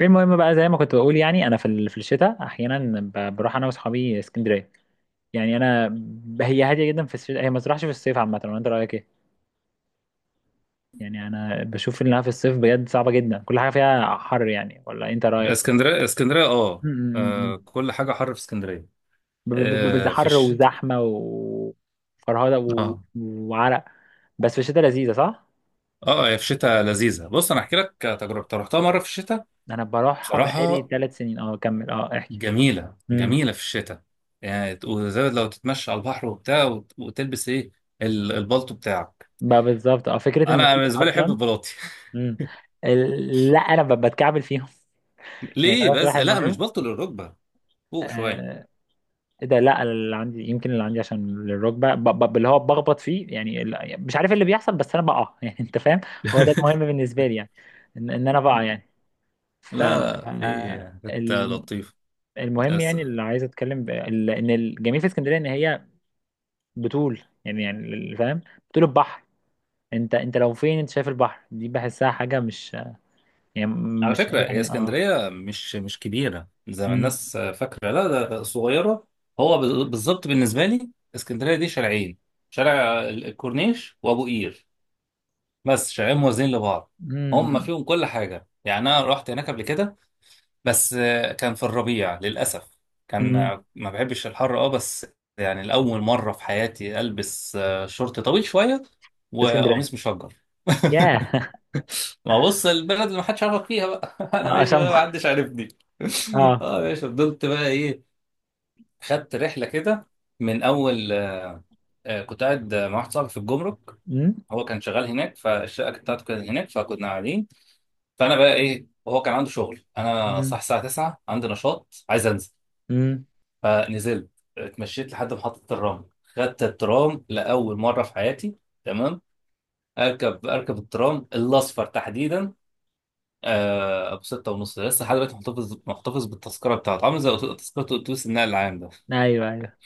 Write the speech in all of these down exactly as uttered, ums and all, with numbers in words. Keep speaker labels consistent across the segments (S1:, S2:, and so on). S1: المهم بقى زي ما كنت بقول يعني انا في ال- في الشتاء احيانا ب- بروح انا واصحابي اسكندريه. يعني انا ب- هي هاديه جدا في الشتاء، هي ما تروحش في الصيف عامه، ولا انت رايك ايه؟ يعني انا بشوف انها في الصيف بجد صعبه جدا، كل حاجه فيها حر يعني، ولا انت رايك؟
S2: اسكندريه اسكندريه اه.
S1: م- م-
S2: آه،
S1: م.
S2: كل حاجه حر في اسكندريه.
S1: ب- ب- ب- بز-
S2: آه، في
S1: حر
S2: الشتاء.
S1: وزحمه وفرهده و-
S2: اه.
S1: وعرق. بس في الشتاء لذيذه، صح.
S2: اه هي في الشتاء لذيذه، بص انا احكي لك تجربه رحتها مره في الشتاء.
S1: انا بروحها بقالي
S2: بصراحه
S1: ثلاث سنين، اه كمل، اه احكي.
S2: جميله
S1: امم
S2: جميله في الشتاء. يعني ت- وزي لو تتمشى على البحر وبتاع وت- وتلبس ايه ال- البلطو بتاعك.
S1: بقى بالظبط، اه فكره ان هي
S2: انا بالنسبه لي احب
S1: اصلا.
S2: البلاطي.
S1: امم ال- لا انا ب- بتكعبل فيهم. يعني
S2: ليه
S1: جربت
S2: بس؟
S1: واحد
S2: لا مش
S1: مرة.
S2: بلطو للركبه، فوق شويه.
S1: آه، ايه ده، لا اللي عندي، يمكن اللي عندي عشان الركبة ب- ب- اللي هو بخبط فيه يعني، ال- مش عارف إيه اللي بيحصل، بس انا بقع يعني انت فاهم. هو ده المهم بالنسبة لي يعني، ان, إن انا بقع يعني. ف
S2: لا لا في،
S1: آه،
S2: كانت
S1: ال-
S2: لطيفه.
S1: المهم يعني، اللي عايز اتكلم ب- ال- ان الجميل في اسكندرية ان هي بتول يعني، يعني ال- فاهم، بتول البحر. انت انت لو فين، انت شايف البحر دي بحسها حاجة مش يعني،
S2: على
S1: مش
S2: فكرة هي
S1: اه.
S2: اسكندرية مش مش كبيرة زي ما
S1: امم
S2: الناس فاكرة، لا ده ده صغيرة. هو بال- بالظبط بالنسبة لي اسكندرية دي شارعين، شارع ال- الكورنيش وأبو قير، بس شارعين موازيين لبعض، هم فيهم كل حاجة. يعني أنا رحت هناك قبل كده بس آه، كان في الربيع للأسف. كان،
S1: امم
S2: آه، ما بحبش الحر اه بس. يعني لأول مرة في حياتي ألبس آه، شورت طويل شوية وقميص
S1: اسكندرية.
S2: مشجر.
S1: ياه
S2: ما بص، البلد اللي محدش عارفك فيها بقى. انا ماشي
S1: عشان
S2: بقى محدش عارفني.
S1: اه.
S2: اه ماشي، فضلت بقى ايه، خدت رحله كده. من اول آه آه، كنت قاعد مع واحد صاحبي في الجمرك،
S1: امم
S2: هو كان شغال هناك، فالشقه كانت بتاعته كانت هناك، فكنا قاعدين. فانا بقى ايه، وهو كان عنده شغل، انا صح
S1: امم
S2: الساعه تسعة عندي نشاط عايز انزل.
S1: امم
S2: فنزلت، اتمشيت لحد محطه الترام، خدت الترام لاول مره في حياتي. تمام. اركب اركب الترام الاصفر تحديدا، آه ابو ستة ونص ده. لسه لحد دلوقتي محتفظ محتفظ بالتذكره بتاعته، عامل زي تذكره اتوبيس النقل العام ده.
S1: ايوه، ايوه.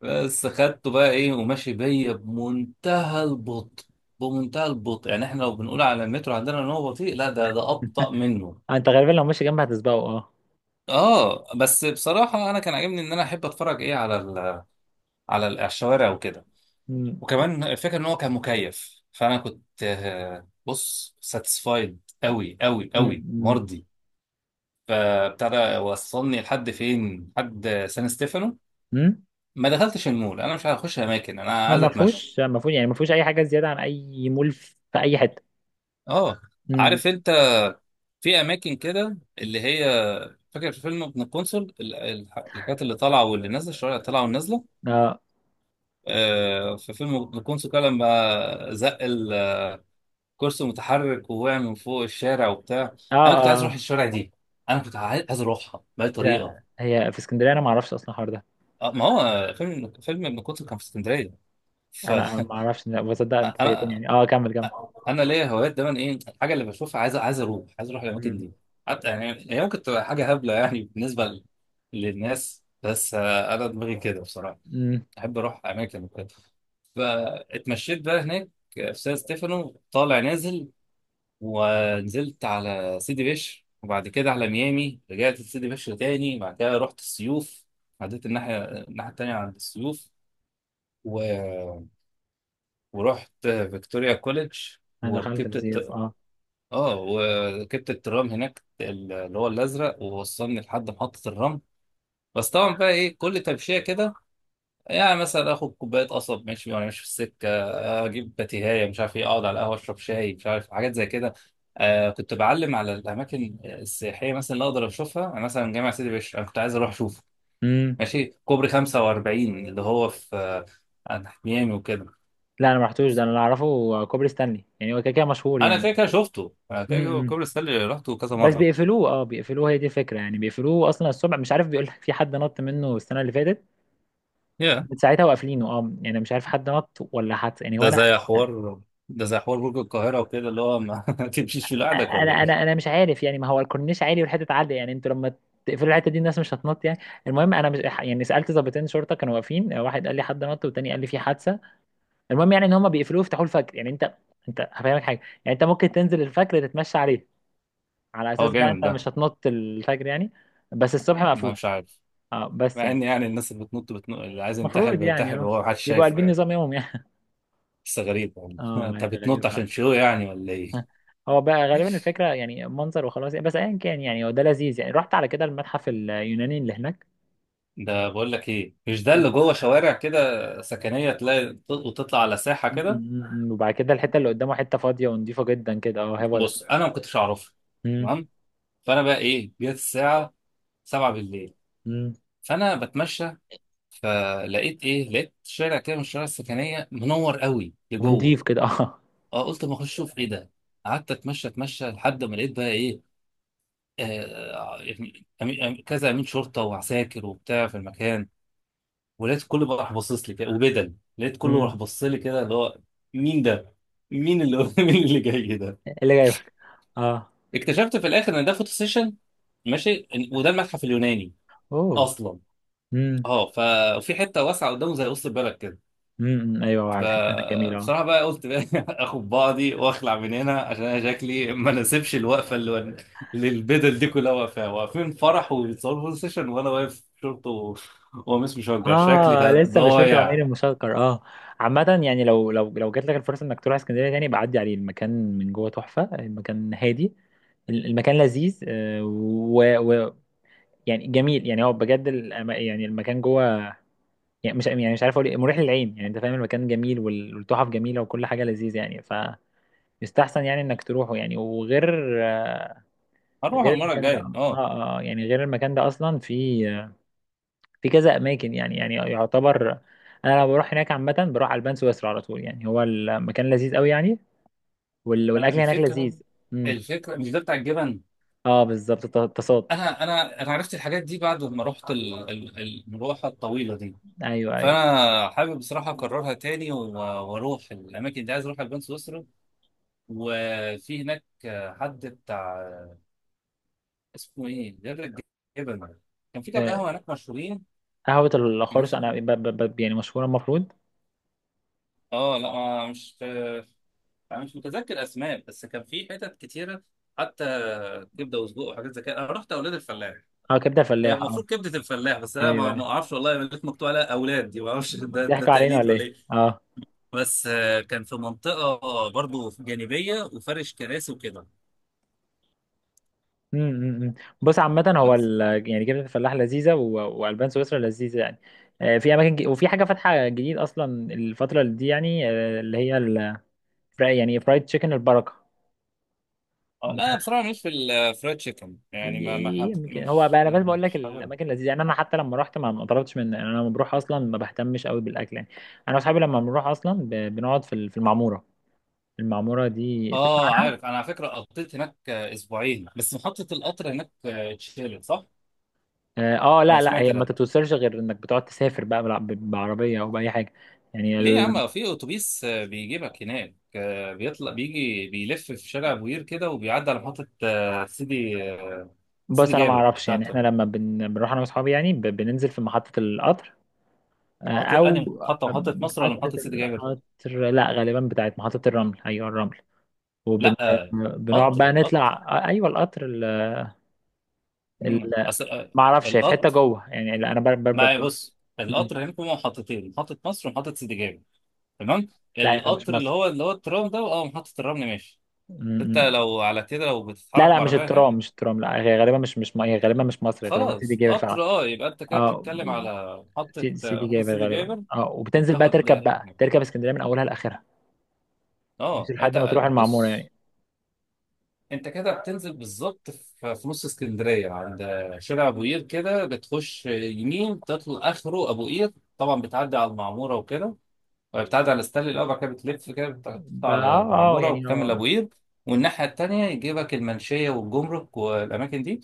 S2: بس خدته بقى ايه، وماشي بيا بمنتهى البطء. بمنتهى البطء، يعني احنا لو بنقول على المترو عندنا ان هو بطيء، لا ده ده ابطا منه.
S1: انت غالبا لو ماشي جنب هتسبقه اه.
S2: اه بس بصراحه انا كان عاجبني ان انا احب اتفرج ايه على ال على ال- على الشوارع وكده.
S1: امم
S2: وكمان الفكره ان هو كان مكيف، فانا كنت، آه، بص، ساتسفايد، قوي قوي قوي
S1: امم
S2: مرضي. فابتدى وصلني لحد فين، لحد سان ستيفانو.
S1: امم
S2: ما دخلتش المول، انا مش عايز اخش اماكن، انا
S1: ما
S2: عايز
S1: ما
S2: اتمشى.
S1: فيهوش ما فيهوش يعني، ما فيهوش اي حاجه زياده عن اي مول في اي حته.
S2: اه
S1: امم.
S2: عارف انت، في اماكن كده اللي هي، فاكر في فيلم ابن القنصل، ال- ال- الحاجات اللي طالعه واللي نازله، الشوارع اللي طالعه والنازله.
S1: اه،
S2: آه، في فيلم ابن القنصل كده لما زق الكرسي المتحرك ووقع من فوق الشارع وبتاع،
S1: اه،
S2: انا كنت عايز اروح
S1: اه.
S2: الشارع دي. انا كنت عايز عايز اروحها باي طريقه.
S1: لا هي في اسكندريه انا ما اعرفش اصلا الحوار ده.
S2: آه، ما هو فيلم فيلم ابن القنصل كان في اسكندريه، ف
S1: انا ما اعرفش، لا بصدق، انت فاجئتني
S2: انا
S1: يعني، اه كمل كمل.
S2: انا ليا هوايات دايما، ايه الحاجه اللي بشوفها عايز عايز اروح عايز اروح الاماكن
S1: امم
S2: دي. حتى يعني هي ممكن تبقى حاجه هبله يعني بالنسبه ل- للناس، بس آه، انا دماغي كده بصراحه.
S1: امم
S2: احب اروح اماكن وكده. فاتمشيت بقى هناك، في سان ستيفانو طالع نازل، ونزلت على سيدي بشر، وبعد كده على ميامي، رجعت لسيدي بشر تاني، بعد كده رحت السيوف، عديت الناحيه الناحيه التانيه عند السيوف و... ورحت فيكتوريا كوليدج،
S1: انا دخلت
S2: وركبت.
S1: السيوف اه.
S2: اه وركبت الترام هناك، ال- اللي هو الازرق، ووصلني لحد محطه الرمل. بس طبعا بقى ايه، كل تمشيه كده يعني، مثلا اخد كوبايه قصب ماشي، وانا ماشي في السكه اجيب باتيهايه مش عارف ايه، اقعد على القهوه اشرب شاي مش عارف، حاجات زي كده. آه كنت بعلم على الاماكن السياحيه مثلا اللي اقدر اشوفها. أنا مثلا جامع سيدي بشر انا كنت عايز اروح اشوفه،
S1: امم.
S2: ماشي كوبري خمسة وأربعين اللي هو في آه، عند حميامي وكده.
S1: لا انا ما رحتوش ده، انا اللي اعرفه كوبري ستانلي، يعني هو كده كده مشهور
S2: انا
S1: يعني.
S2: كده كده شفته، انا كده كده
S1: امم.
S2: كوبري ستانلي رحته كذا
S1: بس اه
S2: مره.
S1: بيقفلوه، اه بيقفلوه، هي دي الفكره يعني، بيقفلوه اصلا الصبح، مش عارف بيقول لك في حد نط منه السنه اللي فاتت،
S2: yeah.
S1: من ساعتها وقافلينه، اه يعني مش عارف حد نط ولا حد يعني.
S2: ده
S1: وانا
S2: زي حوار ده زي حوار برج القاهرة وكده، اللي هو ما تمشيش في لوحدك ولا
S1: انا انا
S2: ايه؟
S1: انا مش عارف يعني، ما هو الكورنيش عالي والحته عاليه يعني، انتوا لما تقفلوا الحته دي الناس مش هتنط يعني. المهم انا مش يعني، سالت ضابطين شرطه كانوا واقفين، واحد قال لي حد نط والتاني قال لي في حادثه. المهم يعني ان هم بيقفلوه يفتحوه الفجر، يعني انت، انت هفهمك حاجه، يعني انت ممكن تنزل الفجر تتمشى عليه، على
S2: هو
S1: اساس بقى
S2: جامد
S1: انت
S2: ده.
S1: مش هتنط الفجر يعني. بس الصبح
S2: ما
S1: مقفول
S2: مش عارف،
S1: اه، بس
S2: مع
S1: يعني
S2: ان يعني الناس اللي بتنط بتنط، اللي عايز ينتحر
S1: المفروض يعني
S2: بينتحر
S1: اه
S2: وهو محدش
S1: بيبقوا
S2: شايفه
S1: قلبين
S2: يعني.
S1: نظام يومهم يعني.
S2: بس غريب والله،
S1: اه ما
S2: انت
S1: هي غريبة
S2: بتنط عشان
S1: فعلا.
S2: شو يعني ولا ايه؟
S1: هو بقى غالبا الفكرة يعني منظر وخلاص يعني، بس ايا كان يعني، هو ده لذيذ يعني. رحت على كده المتحف اليوناني اللي هناك.
S2: ده بقول لك ايه، مش ده
S1: م-
S2: اللي جوه شوارع كده سكنية، تلاقي ت- وتطلع على ساحة كده.
S1: م- م. وبعد كده الحتة اللي قدامه حتة فاضية ونضيفة جدا كده، اه هو ده.
S2: بص انا ما كنتش اعرفها.
S1: م-
S2: تمام. فانا بقى ايه، جت الساعة سبعة بالليل،
S1: م.
S2: فانا بتمشى، فلقيت ايه، لقيت شارع كده من الشوارع السكنية منور قوي لجوه.
S1: ونضيف كده اه.
S2: اه قلت ما اخش اشوف ايه ده. قعدت اتمشى اتمشى لحد ما لقيت بقى ايه، آه يعني أمي- أمي- كذا امين شرطه وعساكر وبتاع في المكان. ولقيت كله بقى راح باصص لي كده، وبدل لقيت كله راح
S1: م.
S2: بص لي كده، اللي هو مين ده؟ مين اللي مين اللي جاي ده؟
S1: إيه اللي جايبك؟ اه.
S2: اكتشفت في الاخر ان ده فوتو سيشن. ماشي إن- وده المتحف اليوناني
S1: اوه.
S2: اصلا.
S1: م-
S2: اه ففي حته واسعه قدامه زي وسط البلد كده.
S1: م- م. ايوه، على الحتة هناك جميلة.
S2: فبصراحة بقى قلت بقى، اخد بعضي واخلع من هنا، عشان انا شكلي ما ناسبش الوقفة اللي اللي البدل دي كلها واقفاها، واقفين فرح وبيتصوروا فوتو سيشن، وانا واقف شورت و- وقميص مشجر، شكلي
S1: اه
S2: كان
S1: لسه بشيرة
S2: ضايع.
S1: العمير المشكر اه. عامة يعني، لو لو لو جات لك الفرصة انك تروح اسكندرية تاني بعدي عليه المكان، من جوه تحفة المكان هادي. ال- المكان لذيذ، آه، و, و يعني جميل يعني، هو بجد الأما- يعني المكان جوه يعني، مش يعني مش عارف اقول إيه، مريح للعين يعني، انت فاهم، المكان جميل وال- والتحف جميلة وكل حاجة لذيذة يعني. فيستحسن يعني انك تروحه يعني، وغير آه،
S2: هروح
S1: غير
S2: المرة
S1: المكان ده
S2: الجاية
S1: اه،
S2: اه.
S1: اه آه، يعني غير المكان ده اصلا في في كذا اماكن يعني، يعني يعتبر، انا لما بروح هناك عامه بروح على البان سويسرا على طول يعني، هو المكان لذيذ قوي يعني، وال...
S2: انا
S1: والاكل هناك
S2: الفكرة،
S1: لذيذ. امم
S2: الفكرة مش ده بتاع الجبن.
S1: اه بالظبط الت- التصاد.
S2: انا انا انا عرفت الحاجات دي بعد ما رحت ال- ال- المروحة الطويلة دي.
S1: ايوه، ايوه.
S2: فانا حابب بصراحة اكررها تاني و- واروح الاماكن دي. عايز اروح البان سويسرا، وفي هناك حد بتاع اسمه ايه غير الجبن. كان في كام
S1: آه،
S2: قهوه هناك مشهورين.
S1: قهوه الخرس
S2: ماشي.
S1: انا ب... ب... ب... يعني مشهوره المفروض.
S2: اه لا ما- مش، انا مش متذكر اسماء، بس كان في حتت كتيره حتى كبده وسجق وحاجات زي كده. انا رحت اولاد الفلاح،
S1: اه كبده
S2: هي
S1: فلاح اه.
S2: المفروض كبده الفلاح، بس انا
S1: ايوه،
S2: ما
S1: ايوه،
S2: ما اعرفش والله، لقيت مكتوب عليها اولاد دي، ما اعرفش ده ده
S1: ضحكوا علينا
S2: تقليد
S1: ولا
S2: ولا
S1: ايه
S2: ايه.
S1: اه.
S2: بس آه، كان في منطقه برضو جانبيه، وفرش كراسي وكده.
S1: أمم، أمم، أمم. بص عامه هو
S2: بس
S1: ال... يعني كبده الفلاح لذيذه و... والبان سويسرا لذيذه يعني. آه، في اماكن ج... وفي حاجه فاتحه جديد اصلا الفتره دي يعني، آه، اللي هي ال... فراي- يعني فرايد تشيكن البركه
S2: اه
S1: ده.
S2: لا انا بصراحه مش في الفرايد تشيكن يعني، ما ما حب
S1: يمكن هو
S2: مش
S1: بقى انا بس بقول لك
S2: مش حاببها.
S1: الاماكن لذيذه يعني، انا حتى لما رحت ما ما طلبتش من، يعني انا لما بروح اصلا ما بهتمش قوي بالاكل يعني. انا واصحابي لما بنروح اصلا ب... بنقعد في ال- في المعموره. المعموره دي تسمع
S2: اه
S1: عنها؟
S2: عارف، انا على فكره قضيت هناك آه، اسبوعين، بس محطه القطر هناك آه، اتشالت صح؟
S1: اه آه،
S2: انا
S1: لا لا
S2: سمعت
S1: هي ما
S2: ده.
S1: تتوصلش غير انك بتقعد تسافر بقى بالع- ب- بعربيه او باي حاجه يعني
S2: ليه يا
S1: ال...
S2: عم، في اتوبيس آه، بيجيبك هناك، آه، بيطلع بيجي بيلف في شارع بوير كده، وبيعدي على محطه آه، سيدي آه، سيدي
S1: بص انا ما
S2: جابر
S1: اعرفش يعني،
S2: بتاعت
S1: احنا لما بن... بنروح انا واصحابي يعني ب... بننزل في محطه القطر، آه،
S2: محطه
S1: او
S2: انهي، محطه محطه مصر ولا
S1: محطه
S2: محطه سيدي جابر؟
S1: القطر، لا غالبا بتاعت محطه الرمل، ايوه الرمل،
S2: لا آه،
S1: وبنقعد بقى
S2: قطر
S1: نطلع
S2: قطر
S1: آه، ايوه القطر ال... ال...
S2: مم. اصل آه،
S1: ما اعرفش هي في حته
S2: القطر.
S1: جوه يعني، لا، انا بر... بر... بر...
S2: ما بص
S1: مم.
S2: القطر هنا في محطتين، محطة مصر ومحطة سيدي جابر. تمام.
S1: لا هي مش
S2: القطر اللي
S1: مصر.
S2: هو اللي هو الترام ده اه، محطة الرمل ماشي.
S1: مم.
S2: انت
S1: مم.
S2: لو على كده، لو
S1: لا
S2: بتتحرك
S1: لا مش
S2: بعربية هناك.
S1: الترام، مش الترام، لا هي غالبا مش مش م- هي غالبا مش مصر، هي غالبا سيدي
S2: خلاص
S1: جابر فعلا
S2: قطر اه، يبقى انت كده
S1: اه.
S2: بتتكلم
S1: و-
S2: على محطة
S1: سي- سيدي
S2: محطة
S1: جابر
S2: سيدي
S1: غالبا
S2: جابر.
S1: اه، وبتنزل بقى
S2: وبتاخد
S1: تركب
S2: حاجة
S1: بقى
S2: هناك.
S1: تركب اسكندريه من اولها لاخرها، مش
S2: اه انت،
S1: لحد ما تروح المعموره
S2: بص،
S1: يعني.
S2: انت كده بتنزل بالظبط في في نص اسكندرية، عند شارع ابو قير كده، بتخش يمين، تطلع اخره ابو قير، طبعا بتعدي على المعمورة وكده. بتعدي على ستانلي الأول، بعد كده بتلف كده، بتقطع
S1: بقى
S2: على
S1: اه، اه
S2: المعمورة،
S1: يعني
S2: وبتكمل
S1: آه.
S2: أبو قير. والناحية التانية يجيبك المنشية والجمرك والأماكن دي،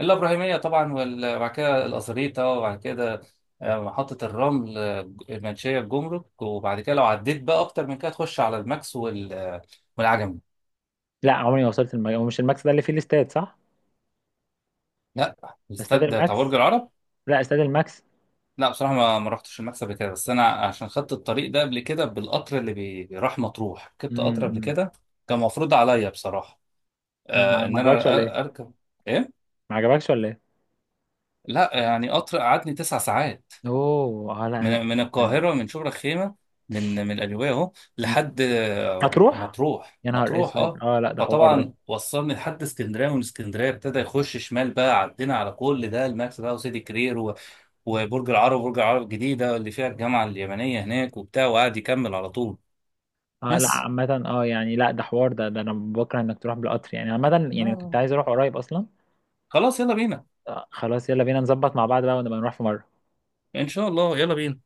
S2: الإبراهيمية طبعا، وال- وبعد كده الأزريطة، وبعد كده آه، محطة الرمل، آه، المنشية، الجمرك، وبعد كده لو عديت بقى أكتر من كده تخش على الماكس وال- آه، والعجمي.
S1: لا عمري ما وصلت المج... هو مش الماكس ده اللي فيه الاستاد، صح؟
S2: لا
S1: استاد
S2: الاستاد بتاع برج
S1: الماكس،
S2: العرب.
S1: لا استاد الماكس.
S2: لا بصراحة ما ما رحتش الماكس قبل كده، بس أنا عشان خدت الطريق ده قبل كده بالقطر اللي بي- بيروح مطروح،
S1: مم.
S2: ركبت قطر قبل
S1: مم.
S2: كده. كان مفروض عليا بصراحة،
S1: ما
S2: آه ان
S1: ما
S2: انا
S1: عجبكش ولا
S2: أ-
S1: ايه؟
S2: اركب. ايه؟
S1: ما عجبكش ولا ايه؟
S2: لا يعني قطر قعدني تسع ساعات،
S1: اوه، اه لا لا
S2: من, من
S1: لا لا.
S2: القاهره، من شبرا الخيمه، من من القليوبيه اهو،
S1: مم.
S2: لحد آه،
S1: هتروح؟
S2: مطروح
S1: يا نهار
S2: مطروح
S1: اسود
S2: اه.
S1: اه، لا ده حوار ده.
S2: فطبعا وصلني لحد اسكندريه، ومن اسكندريه ابتدى يخش شمال بقى، عدينا على كل ده، الماكس بقى وسيدي كرير و- وبرج العرب، وبرج العرب الجديده اللي فيها الجامعه اليمنيه هناك وبتاع، وقعد يكمل على طول.
S1: اه لا
S2: بس
S1: عامة اه يعني، لا ده حوار ده، ده انا بكره انك تروح بالقطر يعني، عامة يعني كنت
S2: آه.
S1: عايز اروح قريب اصلا.
S2: خلاص يلا بينا.
S1: آه خلاص يلا بينا نظبط مع بعض بقى ونبقى نروح في مرة.
S2: ان شاء الله يلا بينا.